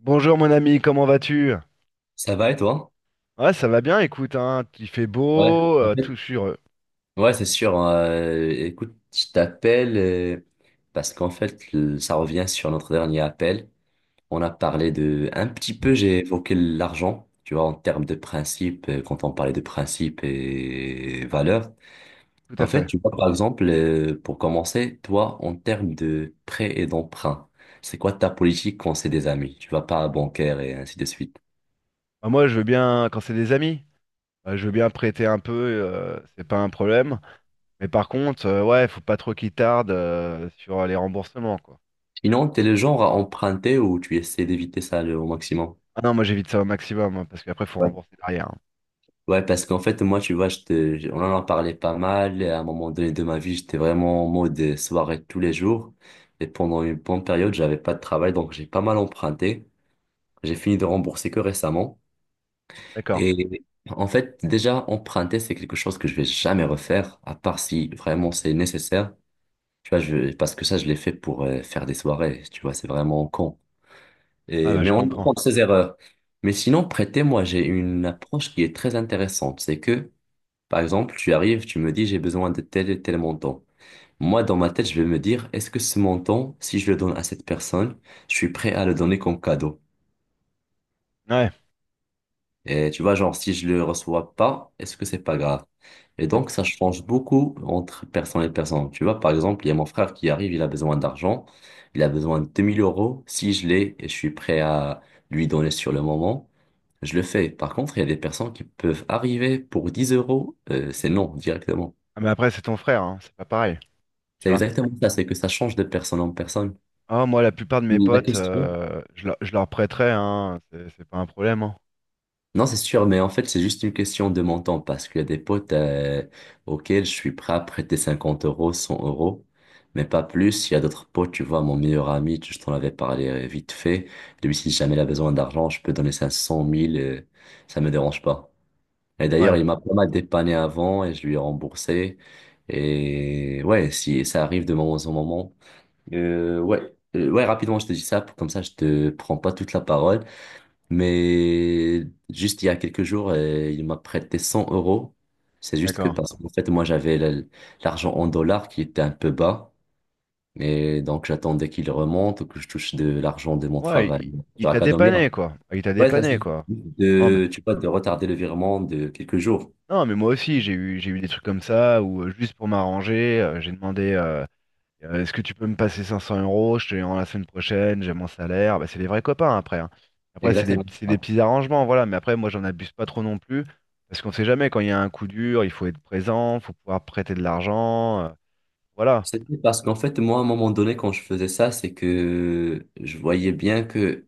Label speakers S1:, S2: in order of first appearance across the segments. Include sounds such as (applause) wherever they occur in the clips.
S1: Bonjour mon ami, comment vas-tu?
S2: Ça va et toi?
S1: Ouais, ça va bien, écoute, hein, il fait
S2: Ouais,
S1: beau,
S2: en fait,
S1: tout, je suis heureux,
S2: ouais, c'est sûr. Hein, écoute, je t'appelle parce qu'en fait, ça revient sur notre dernier appel. On a parlé de un petit peu, j'ai évoqué l'argent, tu vois, en termes de principe, quand on parlait de principe et valeurs.
S1: tout à
S2: En fait,
S1: fait.
S2: tu vois, par exemple, pour commencer, toi, en termes de prêt et d'emprunt, c'est quoi ta politique quand c'est des amis? Tu vas pas à bancaire et ainsi de suite.
S1: Bah, moi, je veux bien, quand c'est des amis, je veux bien prêter un peu, c'est pas un problème. Mais par contre, ouais, faut pas trop qu'ils tardent sur les remboursements, quoi.
S2: Sinon, t'es le genre à emprunter ou tu essaies d'éviter ça au maximum?
S1: Ah non, moi j'évite ça au maximum, hein, parce qu'après, faut rembourser derrière, hein.
S2: Ouais, parce qu'en fait, moi, tu vois, on en a parlé pas mal. Et à un moment donné de ma vie, j'étais vraiment en mode soirée tous les jours. Et pendant une bonne période, j'avais pas de travail, donc j'ai pas mal emprunté. J'ai fini de rembourser que récemment.
S1: D'accord.
S2: Et en fait, déjà, emprunter, c'est quelque chose que je vais jamais refaire, à part si vraiment c'est nécessaire. Tu vois, parce que ça, je l'ai fait pour faire des soirées. Tu vois, c'est vraiment con.
S1: Ah
S2: Et,
S1: bah,
S2: mais
S1: je
S2: on
S1: comprends.
S2: apprend de ses erreurs. Mais sinon, prêter, moi, j'ai une approche qui est très intéressante. C'est que par exemple, tu arrives, tu me dis j'ai besoin de tel et tel montant. Moi, dans ma tête, je vais me dire, est-ce que ce montant, si je le donne à cette personne, je suis prêt à le donner comme cadeau?
S1: Ouais.
S2: Et tu vois, genre, si je le reçois pas, est-ce que c'est pas grave? Et donc, ça change beaucoup entre personne et personne. Tu vois, par exemple, il y a mon frère qui arrive, il a besoin d'argent, il a besoin de 2000 euros. Si je l'ai et je suis prêt à lui donner sur le moment, je le fais. Par contre, il y a des personnes qui peuvent arriver pour 10 euros, c'est non, directement.
S1: Ah, mais après, c'est ton frère, hein, c'est pas pareil, tu
S2: C'est
S1: vois.
S2: exactement ça, c'est que ça change de personne en personne.
S1: Ah, moi, la plupart de mes
S2: La
S1: potes,
S2: question.
S1: je leur prêterais, hein, c'est pas un problème, hein.
S2: Non, c'est sûr, mais en fait, c'est juste une question de montant parce qu'il y a des potes auxquels je suis prêt à prêter 50 euros, 100 euros, mais pas plus. Il y a d'autres potes, tu vois, mon meilleur ami, je t'en avais parlé vite fait. Lui, si jamais il a besoin d'argent, je peux donner 500 000, ça me dérange pas. Et
S1: Ouais,
S2: d'ailleurs, il m'a pas mal dépanné avant et je lui ai remboursé. Et ouais, si ça arrive de moment en moment. Ouais, ouais, rapidement, je te dis ça, comme ça, je te prends pas toute la parole. Mais juste il y a quelques jours, il m'a prêté 100 euros. C'est juste que
S1: d'accord.
S2: parce qu'en fait, moi, j'avais l'argent en dollars qui était un peu bas. Et donc, j'attendais qu'il remonte ou que je touche de l'argent de mon
S1: Ouais,
S2: travail.
S1: il
S2: Genre
S1: t'a
S2: académien.
S1: dépanné, quoi. Ah, il t'a
S2: Ouais, ça
S1: dépanné,
S2: suffit
S1: quoi. Non, mais,
S2: de, tu vois, de retarder le virement de quelques jours.
S1: non, mais moi aussi, j'ai eu des trucs comme ça, où juste pour m'arranger, j'ai demandé. Est-ce que tu peux me passer 500 euros? Je te les rends la semaine prochaine, j'ai mon salaire. Bah, c'est des vrais copains après, hein. Après, c'est des,
S2: Exactement.
S1: c'est des petits arrangements, voilà. Mais après, moi, j'en abuse pas trop non plus. Parce qu'on sait jamais, quand il y a un coup dur, il faut être présent, faut pouvoir prêter de l'argent, voilà.
S2: C'était parce qu'en fait, moi, à un moment donné, quand je faisais ça, c'est que je voyais bien que,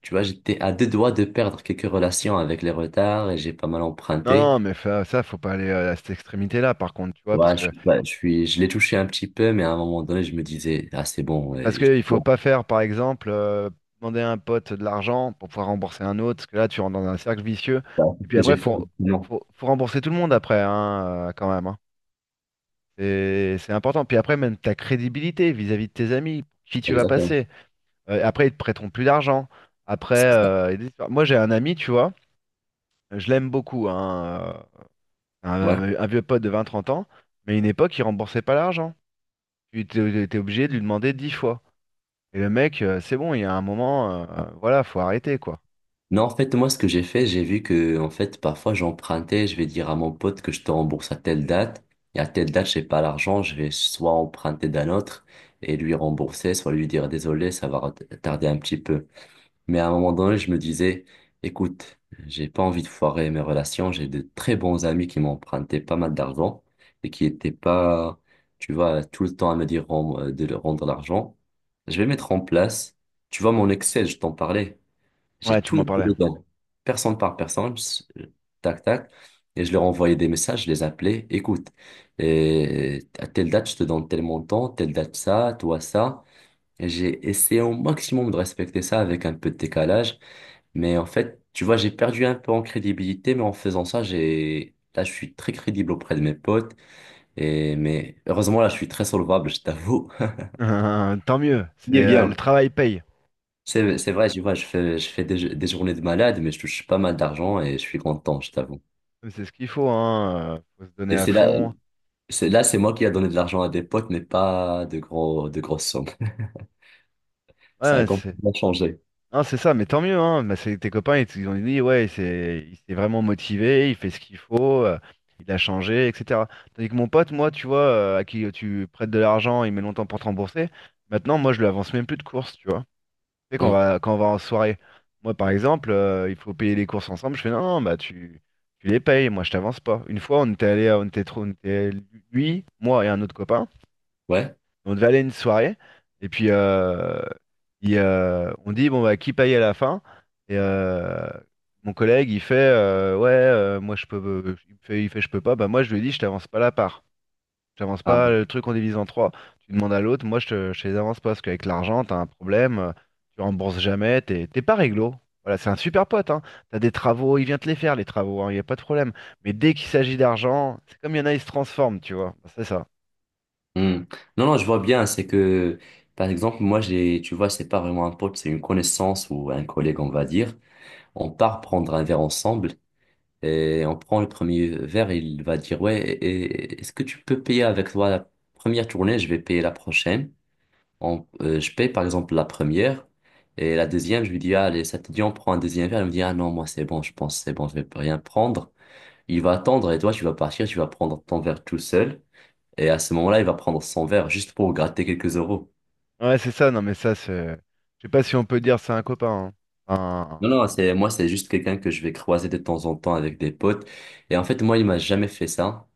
S2: tu vois, j'étais à deux doigts de perdre quelques relations avec les retards et j'ai pas mal
S1: Non, non,
S2: emprunté.
S1: mais ça, faut pas aller à cette extrémité-là, par contre, tu vois. Parce
S2: Ouais, je
S1: que,
S2: suis, pas- je suis, je l'ai touché un petit peu, mais à un moment donné, je me disais, ah, c'est bon,
S1: parce
S2: ouais, il
S1: que il faut
S2: faut.
S1: pas faire, par exemple, demander à un pote de l'argent pour pouvoir rembourser un autre. Parce que là, tu rentres dans un cercle vicieux.
S2: Bon, c'est
S1: Et
S2: ce
S1: puis
S2: que
S1: après,
S2: j'ai fait.
S1: faut,
S2: Non,
S1: faut, faut rembourser tout le monde après, hein, quand même, hein. C'est important. Puis après, même ta crédibilité vis-à-vis de tes amis, pour qui tu vas
S2: exactement.
S1: passer. Après, ils te prêteront plus d'argent. Après,
S2: C'est ça.
S1: il y a des histoires. Moi j'ai un ami, tu vois, je l'aime beaucoup, hein,
S2: Ouais.
S1: un vieux pote de 20 30 ans, mais à une époque, il remboursait pas l'argent. Tu étais obligé de lui demander 10 fois. Et le mec, c'est bon, il y a un moment, voilà, faut arrêter, quoi.
S2: Non, en fait, moi, ce que j'ai fait, j'ai vu que, en fait, parfois, j'empruntais, je vais dire à mon pote que je te rembourse à telle date, et à telle date, j'ai pas l'argent, je vais soit emprunter d'un autre et lui rembourser, soit lui dire désolé, ça va tarder un petit peu. Mais à un moment donné, je me disais, écoute, j'ai pas envie de foirer mes relations, j'ai de très bons amis qui m'empruntaient pas mal d'argent et qui étaient pas, tu vois, tout le temps à me dire de leur rendre l'argent. Je vais mettre en place, tu vois, mon Excel, je t'en parlais.
S1: Ouais,
S2: J'ai
S1: tu
S2: tout
S1: m'en
S2: noté
S1: parlais.
S2: dedans, personne par personne, tac, tac. Et je leur envoyais des messages, je les appelais, écoute, et à telle date, je te donne tel montant, telle date ça, toi ça. Et j'ai essayé au maximum de respecter ça avec un peu de décalage. Mais en fait, tu vois, j'ai perdu un peu en crédibilité, mais en faisant ça, j'ai. Là, je suis très crédible auprès de mes potes. Et. Mais heureusement, là, je suis très solvable, je t'avoue.
S1: (laughs) Tant mieux,
S2: (laughs) Il
S1: c'est
S2: est
S1: le
S2: bien.
S1: travail paye.
S2: C'est,
S1: C'est
S2: c'est vrai, tu vois, je fais des journées de malade, mais je touche pas mal d'argent et je suis content, je t'avoue.
S1: c'est ce qu'il faut, hein. Faut se donner
S2: Et
S1: à
S2: c'est là,
S1: fond.
S2: c'est là, c'est moi qui a donné de l'argent à des potes, mais pas de de grosses sommes. (laughs) Ça a
S1: Ouais, c'est.
S2: complètement changé.
S1: Non, c'est ça, mais tant mieux, hein. Bah, tes copains, ils ont dit, ouais, c'est, il s'est vraiment motivé, il fait ce qu'il faut, il a changé, etc. Tandis que mon pote, moi, tu vois, à qui tu prêtes de l'argent, il met longtemps pour te rembourser. Maintenant, moi, je lui avance même plus de courses, tu vois. Tu sais, quand on
S2: Mm.
S1: va, quand on va en soirée, moi, par exemple, il faut payer les courses ensemble. Je fais, non, non, bah, tu les payes, moi, je t'avance pas. Une fois, on était allé, on était trop, on était, lui, moi et un autre copain.
S2: Ouais.
S1: On devait aller à une soirée, et puis on dit, bon, bah, qui paye à la fin? Et mon collègue, il fait, ouais, moi, je peux, il fait, je peux pas. Bah, moi, je lui ai dit, je t'avance pas la part. Je t'avance pas
S2: Ah.
S1: le truc en divise en trois. Tu demandes à l'autre, moi, je te les avance pas, parce qu'avec l'argent, t'as un problème, tu rembourses jamais, t'es pas réglo. Voilà, c'est un super pote, hein. T'as des travaux, il vient te les faire, les travaux, il n'y a pas de problème. Mais dès qu'il s'agit d'argent, c'est comme il y en a, ils se transforment, tu vois. Bah, c'est ça.
S2: Mm. Non, non, je vois bien, c'est que, par exemple, moi, tu vois, c'est pas vraiment un pote, c'est une connaissance ou un collègue, on va dire. On part prendre un verre ensemble et on prend le premier verre, il va dire, ouais, est-ce que tu peux payer avec toi la première tournée? Je vais payer la prochaine. Je paye par exemple la première et la deuxième, je lui dis, ah, allez, ça te dit, on prend un deuxième verre. Il me dit, ah non, moi c'est bon, je pense, c'est bon, je vais rien prendre. Il va attendre et toi, tu vas partir, tu vas prendre ton verre tout seul. Et à ce moment-là, il va prendre son verre juste pour gratter quelques euros.
S1: Ouais, c'est ça, non, mais ça, c'est. Je sais pas si on peut dire c'est un copain, hein.
S2: Non,
S1: Enfin,
S2: non, moi, c'est juste quelqu'un que je vais croiser de temps en temps avec des potes. Et en fait, moi, il m'a jamais fait ça.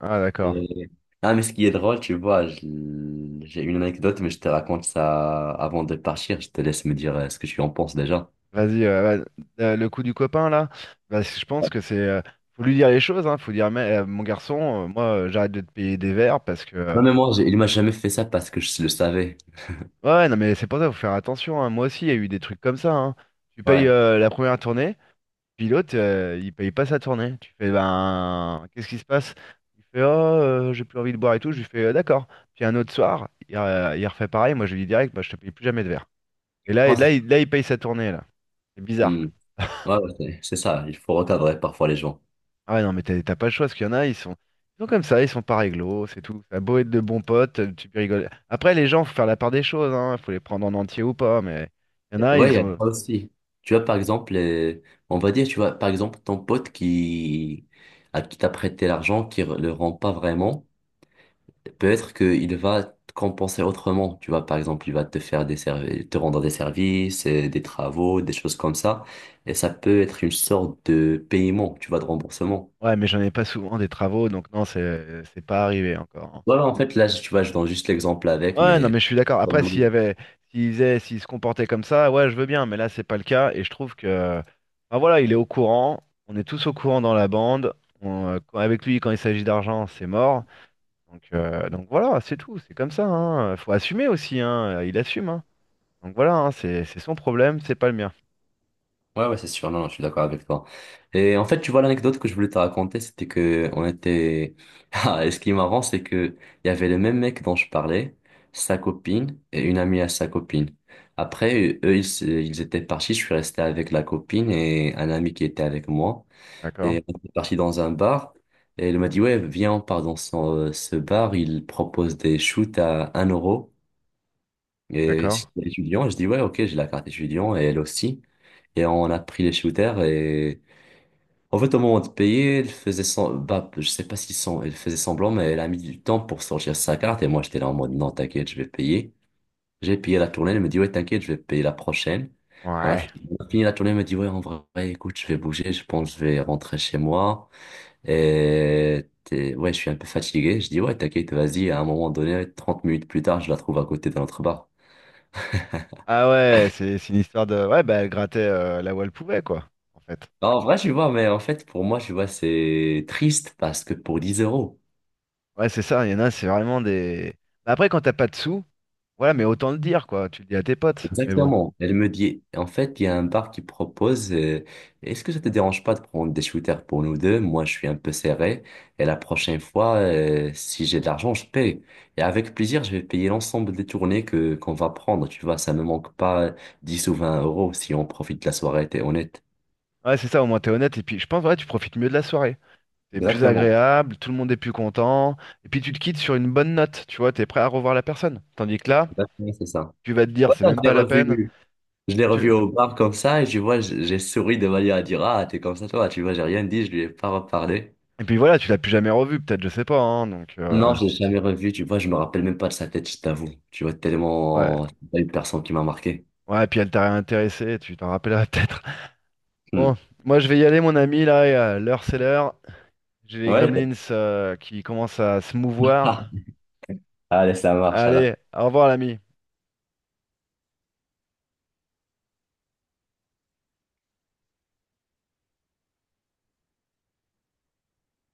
S1: ah, d'accord.
S2: Et- Ah, mais ce qui est drôle, tu vois, j'ai une anecdote, mais je te raconte ça avant de partir. Je te laisse me dire ce que tu en penses déjà.
S1: Vas-y, le coup du copain, là, bah, je pense que c'est. Faut lui dire les choses, hein. Faut dire, mais, mon garçon, moi, j'arrête de te payer des verres parce que.
S2: Non, mais moi, il m'a jamais fait ça parce que je le savais.
S1: Ouais, ouais, non, mais c'est pour ça, faut faire attention, hein. Moi aussi, il y a eu des trucs comme ça, hein. Tu payes
S2: Ouais.
S1: la première tournée, puis l'autre, il paye pas sa tournée. Tu fais, ben, qu'est-ce qui se passe? Il fait, oh, j'ai plus envie de boire et tout. Je lui fais, d'accord. Puis un autre soir, il refait pareil. Moi, je lui dis direct, bah, je te paye plus jamais de verre. Et là,
S2: Non, c'est
S1: il paye sa tournée, là. C'est bizarre.
S2: Hmm. Ouais, ouais, c'est ça. Il faut recadrer parfois les gens.
S1: Ah ouais, non, mais t'as pas le choix, parce qu'il y en a, ils sont, comme ça, ils sont pas réglo, c'est tout. Ça a beau être de bons potes, tu peux rigoler. Après, les gens, faut faire la part des choses, hein. Faut les prendre en entier ou pas, mais il y en
S2: Et
S1: a,
S2: ouais,
S1: ils
S2: il y a
S1: sont...
S2: ça aussi. Tu vois, par exemple, on va dire, tu vois, par exemple, ton pote qui, à qui t'a prêté l'argent, qui le rend pas vraiment, peut-être qu'il va te compenser autrement. Tu vois, par exemple, il va te faire des services, te rendre des services, des travaux, des choses comme ça. Et ça peut être une sorte de paiement, tu vois, de remboursement.
S1: Ouais, mais j'en ai pas souvent des travaux, donc non, c'est pas arrivé encore, hein.
S2: Ouais, ouais, en fait, là, tu vois, je donne juste l'exemple avec,
S1: Ouais, non,
S2: mais.
S1: mais je suis d'accord. Après, s'il y
S2: Oui.
S1: avait... s'ils se comportaient comme ça, ouais, je veux bien, mais là, c'est pas le cas, et je trouve que... Ah voilà, il est au courant, on est tous au courant dans la bande, avec lui, quand il s'agit d'argent, c'est mort. Donc voilà, c'est tout, c'est comme ça, hein. Faut assumer aussi, hein. Il assume, hein. Donc voilà, hein, c'est son problème, c'est pas le mien.
S2: Ouais, ouais, c'est sûr, non, je suis d'accord avec toi. Et en fait, tu vois, l'anecdote que je voulais te raconter, c'était que on était. (laughs) Ah, et ce qui est marrant, c'est que il y avait le même mec dont je parlais, sa copine, et une amie à sa copine. Après, eux, ils étaient partis, je suis resté avec la copine et un ami qui était avec moi.
S1: D'accord?
S2: Et on est parti dans un bar, et il m'a dit, ouais, viens, on part dans ce bar, il propose des shoots à 1 euro. Et
S1: D'accord?
S2: c'était étudiant, je dis ouais, ok, j'ai la carte étudiant et elle aussi. Et on a pris les shooters et en fait, au moment de payer, elle faisait semblant, bah, je sais pas si elle faisait semblant, mais elle a mis du temps pour sortir sa carte et moi j'étais là en mode non, t'inquiète, je vais payer. J'ai payé la tournée, elle me dit ouais, t'inquiète, je vais payer la prochaine. On a
S1: Ouais.
S2: fini on a fini la tournée, elle me dit ouais, en vrai, écoute, je vais bouger, je pense que je vais rentrer chez moi. Et ouais, je suis un peu fatigué. Je dis ouais, t'inquiète, vas-y, à un moment donné, 30 minutes plus tard, je la trouve à côté de notre bar.
S1: Ah ouais, c'est une histoire de. Ouais, bah elle grattait là où elle pouvait, quoi, en fait.
S2: Bah, en vrai, tu vois, mais en fait, pour moi, tu vois, c'est triste parce que pour 10 euros,
S1: Ouais, c'est ça, il y en a, c'est vraiment des. Bah, après, quand t'as pas de sous, voilà, mais autant le dire, quoi. Tu le dis à tes potes, mais bon.
S2: exactement, elle me dit, en fait, il y a un bar qui propose, est-ce que ça te dérange pas de prendre des shooters pour nous deux? Moi, je suis un peu serré et la prochaine fois, si j'ai de l'argent, je paye. Et avec plaisir, je vais payer l'ensemble des tournées que qu'on va prendre, tu vois, ça ne manque pas 10 ou 20 euros si on profite de la soirée, t'es honnête.
S1: Ouais, c'est ça, au moins t'es honnête, et puis je pense, ouais, tu profites mieux de la soirée. C'est plus
S2: Exactement,
S1: agréable, tout le monde est plus content, et puis tu te quittes sur une bonne note, tu vois, t'es prêt à revoir la personne. Tandis que là,
S2: exactement, c'est ça.
S1: tu vas te dire, c'est
S2: Voilà,
S1: même
S2: je l'ai
S1: pas la peine.
S2: revu. Je l'ai
S1: Ah,
S2: revu au bar comme ça et tu vois, j'ai souri de manière à dire, ah, t'es comme ça, toi. Tu vois, j'ai rien dit, je lui ai pas reparlé.
S1: et puis voilà, tu l'as plus jamais revu, peut-être, je sais pas, hein, donc,
S2: Non, je l'ai jamais revu, tu vois, je me rappelle même pas de sa tête, je t'avoue. Tu vois,
S1: ouais.
S2: tellement, c'est pas une personne qui m'a marqué.
S1: Ouais, et puis elle t'a réintéressé, tu t'en rappelleras peut-être. (laughs) Bon,
S2: Hmm.
S1: moi je vais y aller, mon ami, là, et, l'heure c'est l'heure. J'ai les
S2: Ouais,
S1: gremlins qui commencent à se mouvoir.
S2: (laughs) allez, ça marche,
S1: Allez,
S2: alors.
S1: au revoir, l'ami.